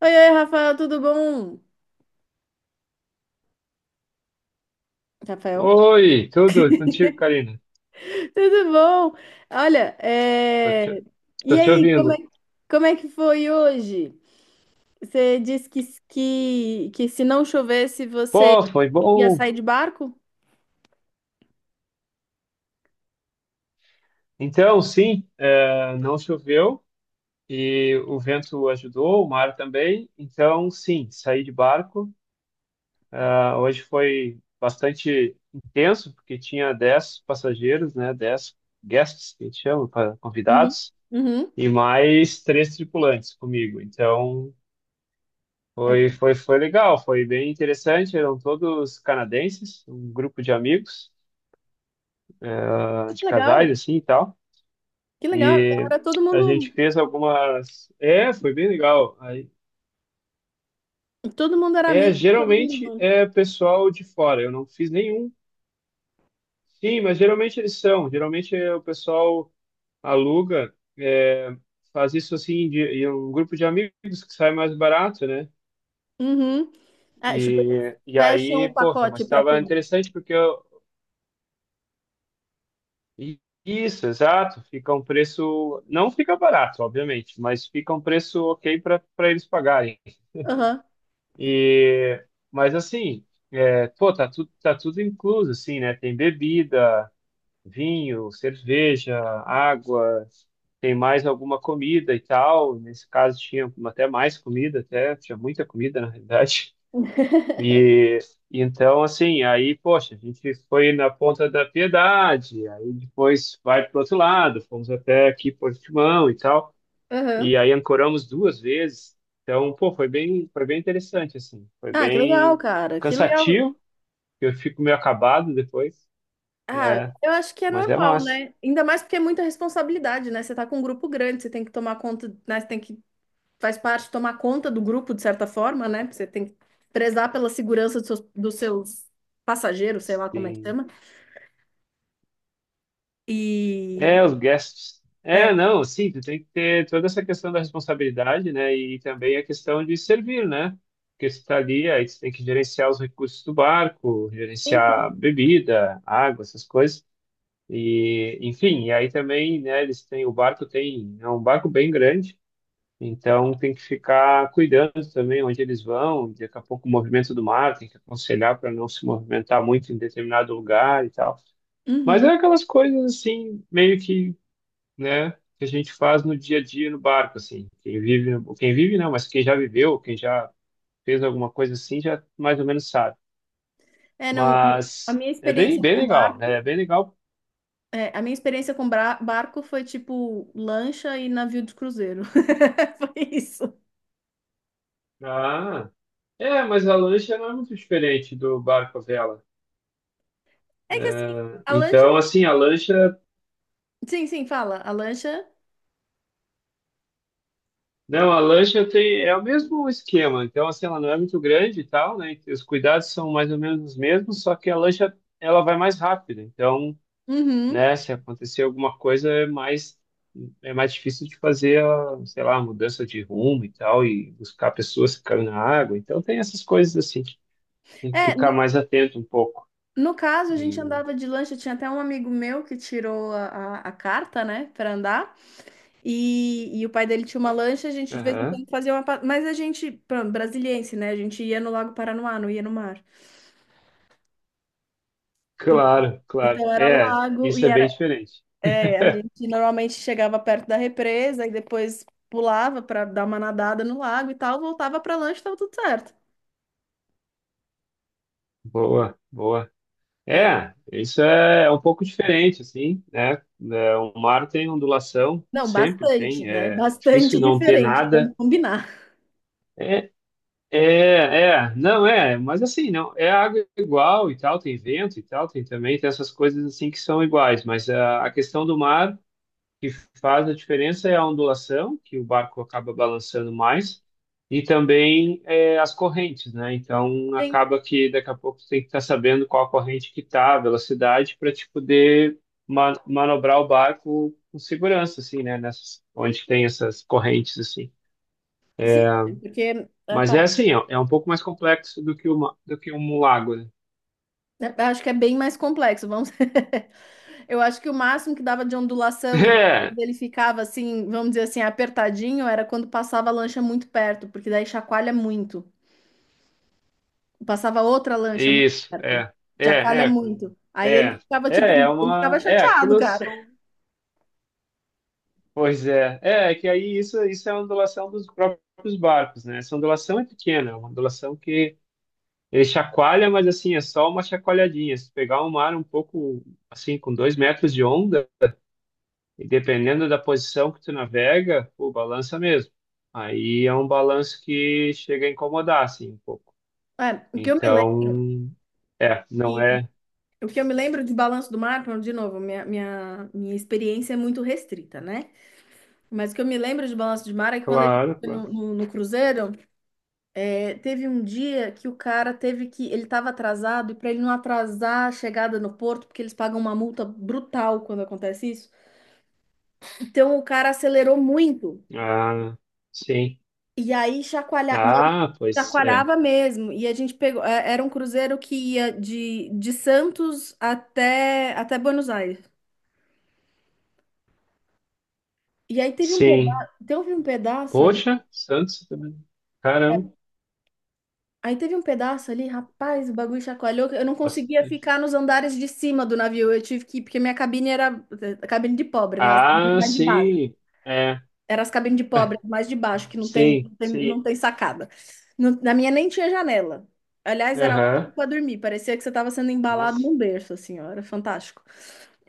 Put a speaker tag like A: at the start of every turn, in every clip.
A: Oi, oi, Rafael, tudo bom? Rafael,
B: Oi, tudo e contigo, Karina?
A: tudo bom? Olha,
B: Tô te, Tô
A: e
B: te
A: aí,
B: ouvindo.
A: como é que foi hoje? Você disse que se não chovesse você
B: Pô, foi
A: ia
B: bom.
A: sair de barco?
B: Então, sim, não choveu e o vento ajudou, o mar também. Então, sim, saí de barco. Ah, hoje foi bastante intenso, porque tinha 10 passageiros, né? 10 guests, que a gente chama,
A: Uhum.
B: convidados,
A: Uhum.
B: e mais três tripulantes comigo. Então,
A: Ah, então,
B: foi legal, foi bem interessante. Eram todos canadenses, um grupo de amigos. Ah,
A: que
B: de casais,
A: legal,
B: assim e tal.
A: que legal. Então
B: E
A: era
B: a gente fez algumas. É, foi bem legal. Aí,
A: todo mundo era amigo, todo mundo
B: geralmente
A: junto.
B: é pessoal de fora, eu não fiz nenhum. Sim, mas geralmente eles são. Geralmente o pessoal aluga, faz isso assim, em um grupo de amigos que sai mais barato, né?
A: Uhum. Ah, tipo, eles
B: E, e
A: fecham
B: aí,
A: o
B: poxa, mas
A: pacote para
B: estava
A: todos.
B: interessante porque eu. Isso, exato. Fica um preço. Não fica barato, obviamente, mas fica um preço ok para eles pagarem.
A: Aham,
B: E, mas assim, pô, tá tudo incluso, assim, né? Tem bebida, vinho, cerveja, água, tem mais alguma comida e tal. Nesse caso tinha até mais comida, até tinha muita comida, na realidade. E então, assim, aí, poxa, a gente foi na Ponta da Piedade, aí depois vai pro outro lado, fomos até aqui Portimão e tal.
A: aham.
B: E aí ancoramos duas vezes. Então, pô, foi bem interessante, assim. Foi
A: Ah, que legal,
B: bem
A: cara, que legal.
B: cansativo, eu fico meio acabado depois.
A: Ah,
B: É,
A: eu acho que é
B: mas é
A: normal,
B: massa.
A: né? Ainda mais porque é muita responsabilidade, né? Você tá com um grupo grande, você tem que tomar conta, né? Faz parte, tomar conta do grupo de certa forma, né? Você tem que prezar pela segurança dos dos seus passageiros, sei lá como é que
B: Sim.
A: chama. E,
B: É, os guests. É,
A: é,
B: não, sim, tu tem que ter toda essa questão da responsabilidade, né? E também a questão de servir, né? Porque você tá ali, aí você tem que gerenciar os recursos do barco,
A: sim,
B: gerenciar
A: sim.
B: bebida, água, essas coisas. E, enfim, e aí também, né, eles têm, o barco tem, é um barco bem grande. Então, tem que ficar cuidando também onde eles vão. Daqui a pouco, o movimento do mar, tem que aconselhar para não se movimentar muito em determinado lugar e tal. Mas é
A: Uhum.
B: aquelas coisas assim, meio que, né, que a gente faz no dia a dia no barco, assim. Quem vive não, mas quem já viveu, quem já fez alguma coisa assim, já mais ou menos sabe.
A: É, não, a
B: Mas
A: minha
B: é bem,
A: experiência
B: bem
A: com
B: legal, né? É
A: barco,
B: bem legal.
A: a minha experiência com barco foi tipo lancha e navio de cruzeiro. Foi isso.
B: Ah, é, mas a lancha não é muito diferente do barco à vela.
A: É que assim,
B: É,
A: a lancha,
B: então, assim, a lancha
A: sim, sim, fala, a lancha,
B: Não, a lancha tem, é o mesmo esquema, então assim, ela não é muito grande e tal, né? Os cuidados são mais ou menos os mesmos, só que a lancha ela vai mais rápido, então,
A: uhum.
B: né, se acontecer alguma coisa é mais difícil de fazer a, sei lá, a mudança de rumo e tal, e buscar pessoas que caem na água, então tem essas coisas assim, tem que
A: É,
B: ficar mais atento um pouco.
A: no caso, a gente
B: E,
A: andava de lancha, tinha até um amigo meu que tirou a carta, né, para andar, e o pai dele tinha uma lancha, a gente de vez em
B: aham,
A: quando fazia uma... Mas a gente, pronto, brasiliense, né, a gente ia no Lago Paranoá, não ia no mar.
B: claro, claro,
A: Então era
B: é,
A: lago,
B: isso
A: e
B: é bem
A: era...
B: diferente.
A: É, a gente normalmente chegava perto da represa, e depois pulava para dar uma nadada no lago e tal, voltava para lancha e tava tudo certo.
B: Boa, boa.
A: É,
B: É um pouco diferente, assim, né? É, o mar tem ondulação,
A: não,
B: sempre
A: bastante,
B: tem,
A: né,
B: é difícil
A: bastante
B: não ter
A: diferente, vamos
B: nada.
A: combinar.
B: É, é, não é, mas assim, não, é água igual e tal, tem vento e tal, tem também, tem essas coisas assim que são iguais, mas a questão do mar que faz a diferença é a ondulação, que o barco acaba balançando mais, e também é, as correntes, né? Então,
A: Sim,
B: acaba que daqui a pouco você tem que estar sabendo qual a corrente que está, a velocidade, para te poder manobrar o barco com segurança, assim, né? Nessas, onde tem essas correntes, assim.
A: sim, porque... é,
B: Mas é assim, ó, é um pouco mais complexo do que uma, do que um lago, né?
A: né, acho que é bem mais complexo, vamos. Eu acho que o máximo que dava de ondulação e ele ficava assim, vamos dizer assim, apertadinho, era quando passava a lancha muito perto, porque daí chacoalha muito. Passava outra
B: É,
A: lancha muito
B: isso,
A: perto,
B: é, é,
A: chacoalha
B: é,
A: muito. Aí ele
B: é,
A: ficava tipo,
B: é
A: ele ficava
B: uma, é,
A: chateado,
B: aquilo
A: cara.
B: são Pois é, isso é a ondulação dos próprios barcos, né? Essa ondulação é pequena, é uma ondulação que ele chacoalha, mas assim, é só uma chacoalhadinha. Se pegar um mar um pouco, assim, com 2 metros de onda, e dependendo da posição que tu navega, pô balança mesmo. Aí é um balanço que chega a incomodar, assim, um pouco.
A: É, lembro,
B: Então, é, não
A: que,
B: é,
A: o que eu me lembro de Balanço do Mar, de novo, minha experiência é muito restrita, né? Mas o que eu me lembro de Balanço do Mar é que quando a gente
B: claro,
A: foi no,
B: claro.
A: no no cruzeiro. É, teve um dia que o cara teve que. Ele estava atrasado, e para ele não atrasar a chegada no porto, porque eles pagam uma multa brutal quando acontece isso. Então o cara acelerou muito.
B: Ah, sim.
A: E aí chacoalhava, e ele
B: Ah, pois é.
A: chacoalhava mesmo. E a gente pegou. É, Era um cruzeiro que ia de Santos até Buenos Aires. E aí
B: Sim,
A: teve um pedaço,
B: Poxa, Santos também. Caramba,
A: aí teve um pedaço ali, rapaz, o bagulho chacoalhou. Eu não conseguia
B: bastante.
A: ficar nos andares de cima do navio. Eu tive que ir, porque minha cabine era a cabine de pobre, né? As cabines
B: Ah,
A: mais de baixo.
B: sim. É,
A: Era as cabines de pobre, mais de baixo, que
B: sim, sim.
A: não tem sacada. Na minha nem tinha janela. Aliás, era ótimo
B: Aham.
A: para dormir. Parecia que você estava sendo embalado
B: Nossa.
A: num berço, assim, ó. Era fantástico.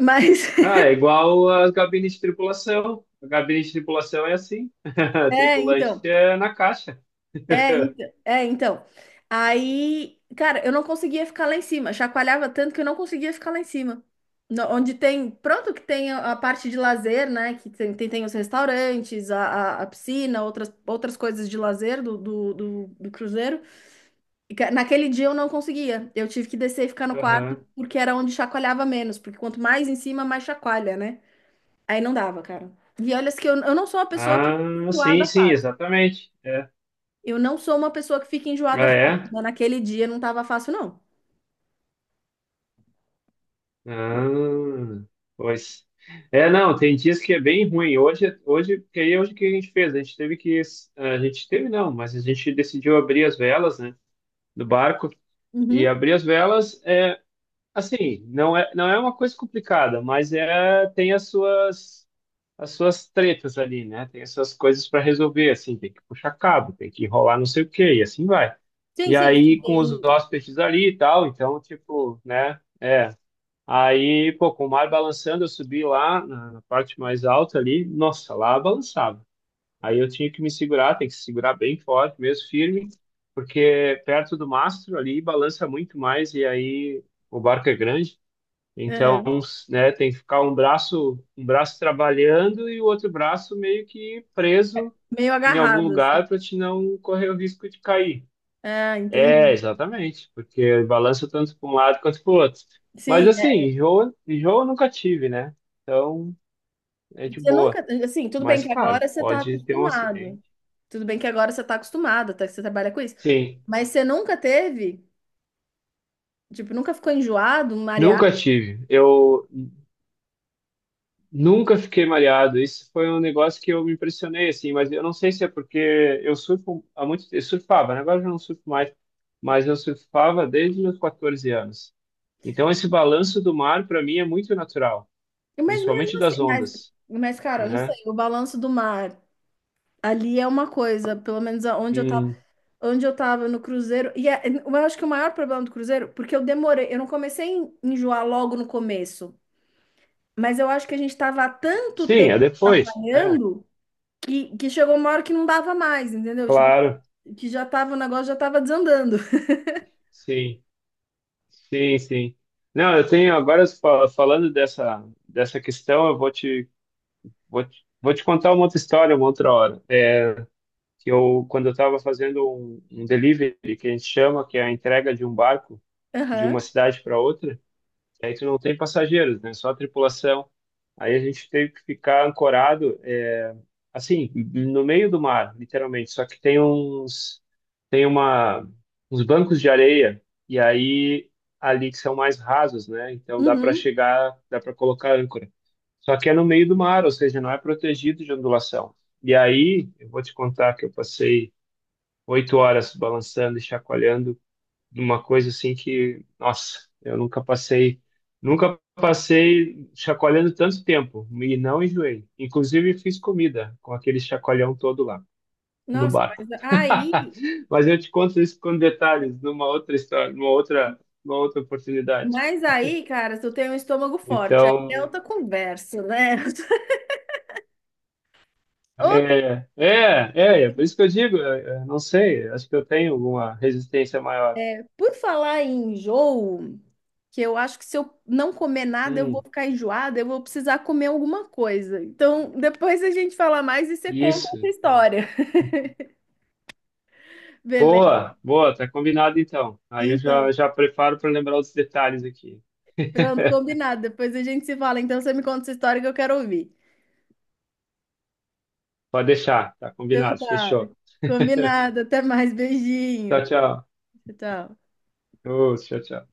A: Mas,
B: Ah, é igual as gabines de tripulação. A gabine de tripulação é assim.
A: é,
B: Tripulante
A: então.
B: é na caixa.
A: É, então. Aí, cara, eu não conseguia ficar lá em cima. Chacoalhava tanto que eu não conseguia ficar lá em cima. Onde tem, pronto, que tem a parte de lazer, né? Que tem os restaurantes, a piscina, outras, outras coisas de lazer do cruzeiro. E, naquele dia eu não conseguia. Eu tive que descer e ficar no quarto,
B: Aham.
A: porque era onde chacoalhava menos. Porque quanto mais em cima, mais chacoalha, né? Aí não dava, cara. E olha que
B: Ah, sim, sim, exatamente. É.
A: eu não sou uma pessoa que fica
B: Ah,
A: enjoada fácil,
B: é?
A: mas naquele dia não estava fácil, não.
B: Ah, pois. É, não, tem dias que é bem ruim. Hoje, porque aí é hoje o que a gente fez? A gente teve não, mas a gente decidiu abrir as velas, né, do barco. E
A: Uhum.
B: abrir as velas é, assim, não é uma coisa complicada, mas é, tem as suas tretas ali, né? Tem as suas coisas para resolver, assim, tem que puxar cabo, tem que enrolar não sei o quê, e assim vai.
A: Sim,
B: E
A: sim, sim,
B: aí com os
A: bem,
B: hóspedes ali e tal, então, tipo, né? Aí, pô, com o mar balançando, eu subi lá na, na parte mais alta ali. Nossa, lá balançava. Aí eu tinha que me segurar, tem que se segurar bem forte, mesmo firme, porque perto do mastro ali balança muito mais e aí o barco é grande. Então,
A: aham,
B: né, tem que ficar um braço trabalhando e o outro braço meio que preso
A: meio
B: em algum
A: agarrado, assim.
B: lugar para te não correr o risco de cair.
A: Ah,
B: É,
A: entendi.
B: exatamente, porque balança tanto para um lado quanto para o outro. Mas
A: Sim,
B: assim,
A: é.
B: enjoo eu nunca tive, né? Então é de
A: Você
B: boa.
A: nunca, assim, tudo bem
B: Mas
A: que
B: claro,
A: agora você está
B: pode ter um acidente.
A: acostumado. Tudo bem que agora você está acostumado, até que você trabalha com isso.
B: Sim,
A: Mas você nunca teve, tipo, nunca ficou enjoado, mareado.
B: nunca tive. Eu nunca fiquei mareado. Isso foi um negócio que eu me impressionei, assim, mas eu não sei se é porque eu surfo há muito tempo. Eu surfava, né? Agora eu já não surfo mais, mas eu surfava desde os meus 14 anos. Então esse balanço do mar, para mim, é muito natural,
A: Mas
B: principalmente
A: mesmo assim,
B: das ondas,
A: mas cara, eu não sei,
B: né?
A: o balanço do mar ali é uma coisa, pelo menos
B: Hum,
A: onde eu tava no cruzeiro. Eu acho que o maior problema do cruzeiro, porque eu demorei, eu não comecei a enjoar logo no começo, mas eu acho que a gente tava há tanto
B: Sim, é
A: tempo
B: depois. É,
A: atrapalhando que chegou uma hora que não dava mais, entendeu? Tipo,
B: claro.
A: que já tava, o negócio já tava desandando.
B: Sim, sim, sim. Não, eu tenho agora falando dessa dessa questão, eu vou te vou te, vou te contar uma outra história, uma outra hora. É, que eu quando eu estava fazendo um delivery que a gente chama, que é a entrega de um barco de
A: Aham.
B: uma cidade para outra. E aí tu não tem passageiros, né? Só a tripulação. Aí a gente teve que ficar ancorado, é, assim, no meio do mar, literalmente. Só que tem uns, tem uma, uns bancos de areia e aí ali que são mais rasos, né? Então dá para
A: Uhum.
B: chegar, dá para colocar âncora. Só que é no meio do mar, ou seja, não é protegido de ondulação. E aí, eu vou te contar que eu passei 8 horas balançando e chacoalhando uma coisa assim que, nossa, eu nunca passei, nunca passei chacoalhando tanto tempo e não enjoei. Inclusive fiz comida com aquele chacoalhão todo lá no
A: Nossa,
B: barco.
A: mas aí,
B: Mas eu te conto isso com detalhes numa outra história, numa outra oportunidade.
A: mas aí, cara, se eu tenho um estômago forte, aí é
B: Então,
A: outra conversa, né?
B: é
A: Outra...
B: por isso que eu digo, não sei, acho que eu tenho alguma resistência maior.
A: Por falar em enjoo, que eu acho que se eu não comer nada, eu vou
B: Hum,
A: ficar enjoada, eu vou precisar comer alguma coisa. Então, depois a gente fala mais e você conta essa
B: isso. Né?
A: história, beleza?
B: Boa, boa, tá combinado então. Aí eu já,
A: Então,
B: já preparo para lembrar os detalhes aqui.
A: pronto, combinado. Depois a gente se fala. Então, você me conta essa história que eu quero ouvir.
B: Pode deixar, tá
A: Então,
B: combinado,
A: tá,
B: fechou.
A: combinado. Até mais,
B: Tchau,
A: beijinho.
B: tchau.
A: Tchau.
B: Ô, tchau, tchau.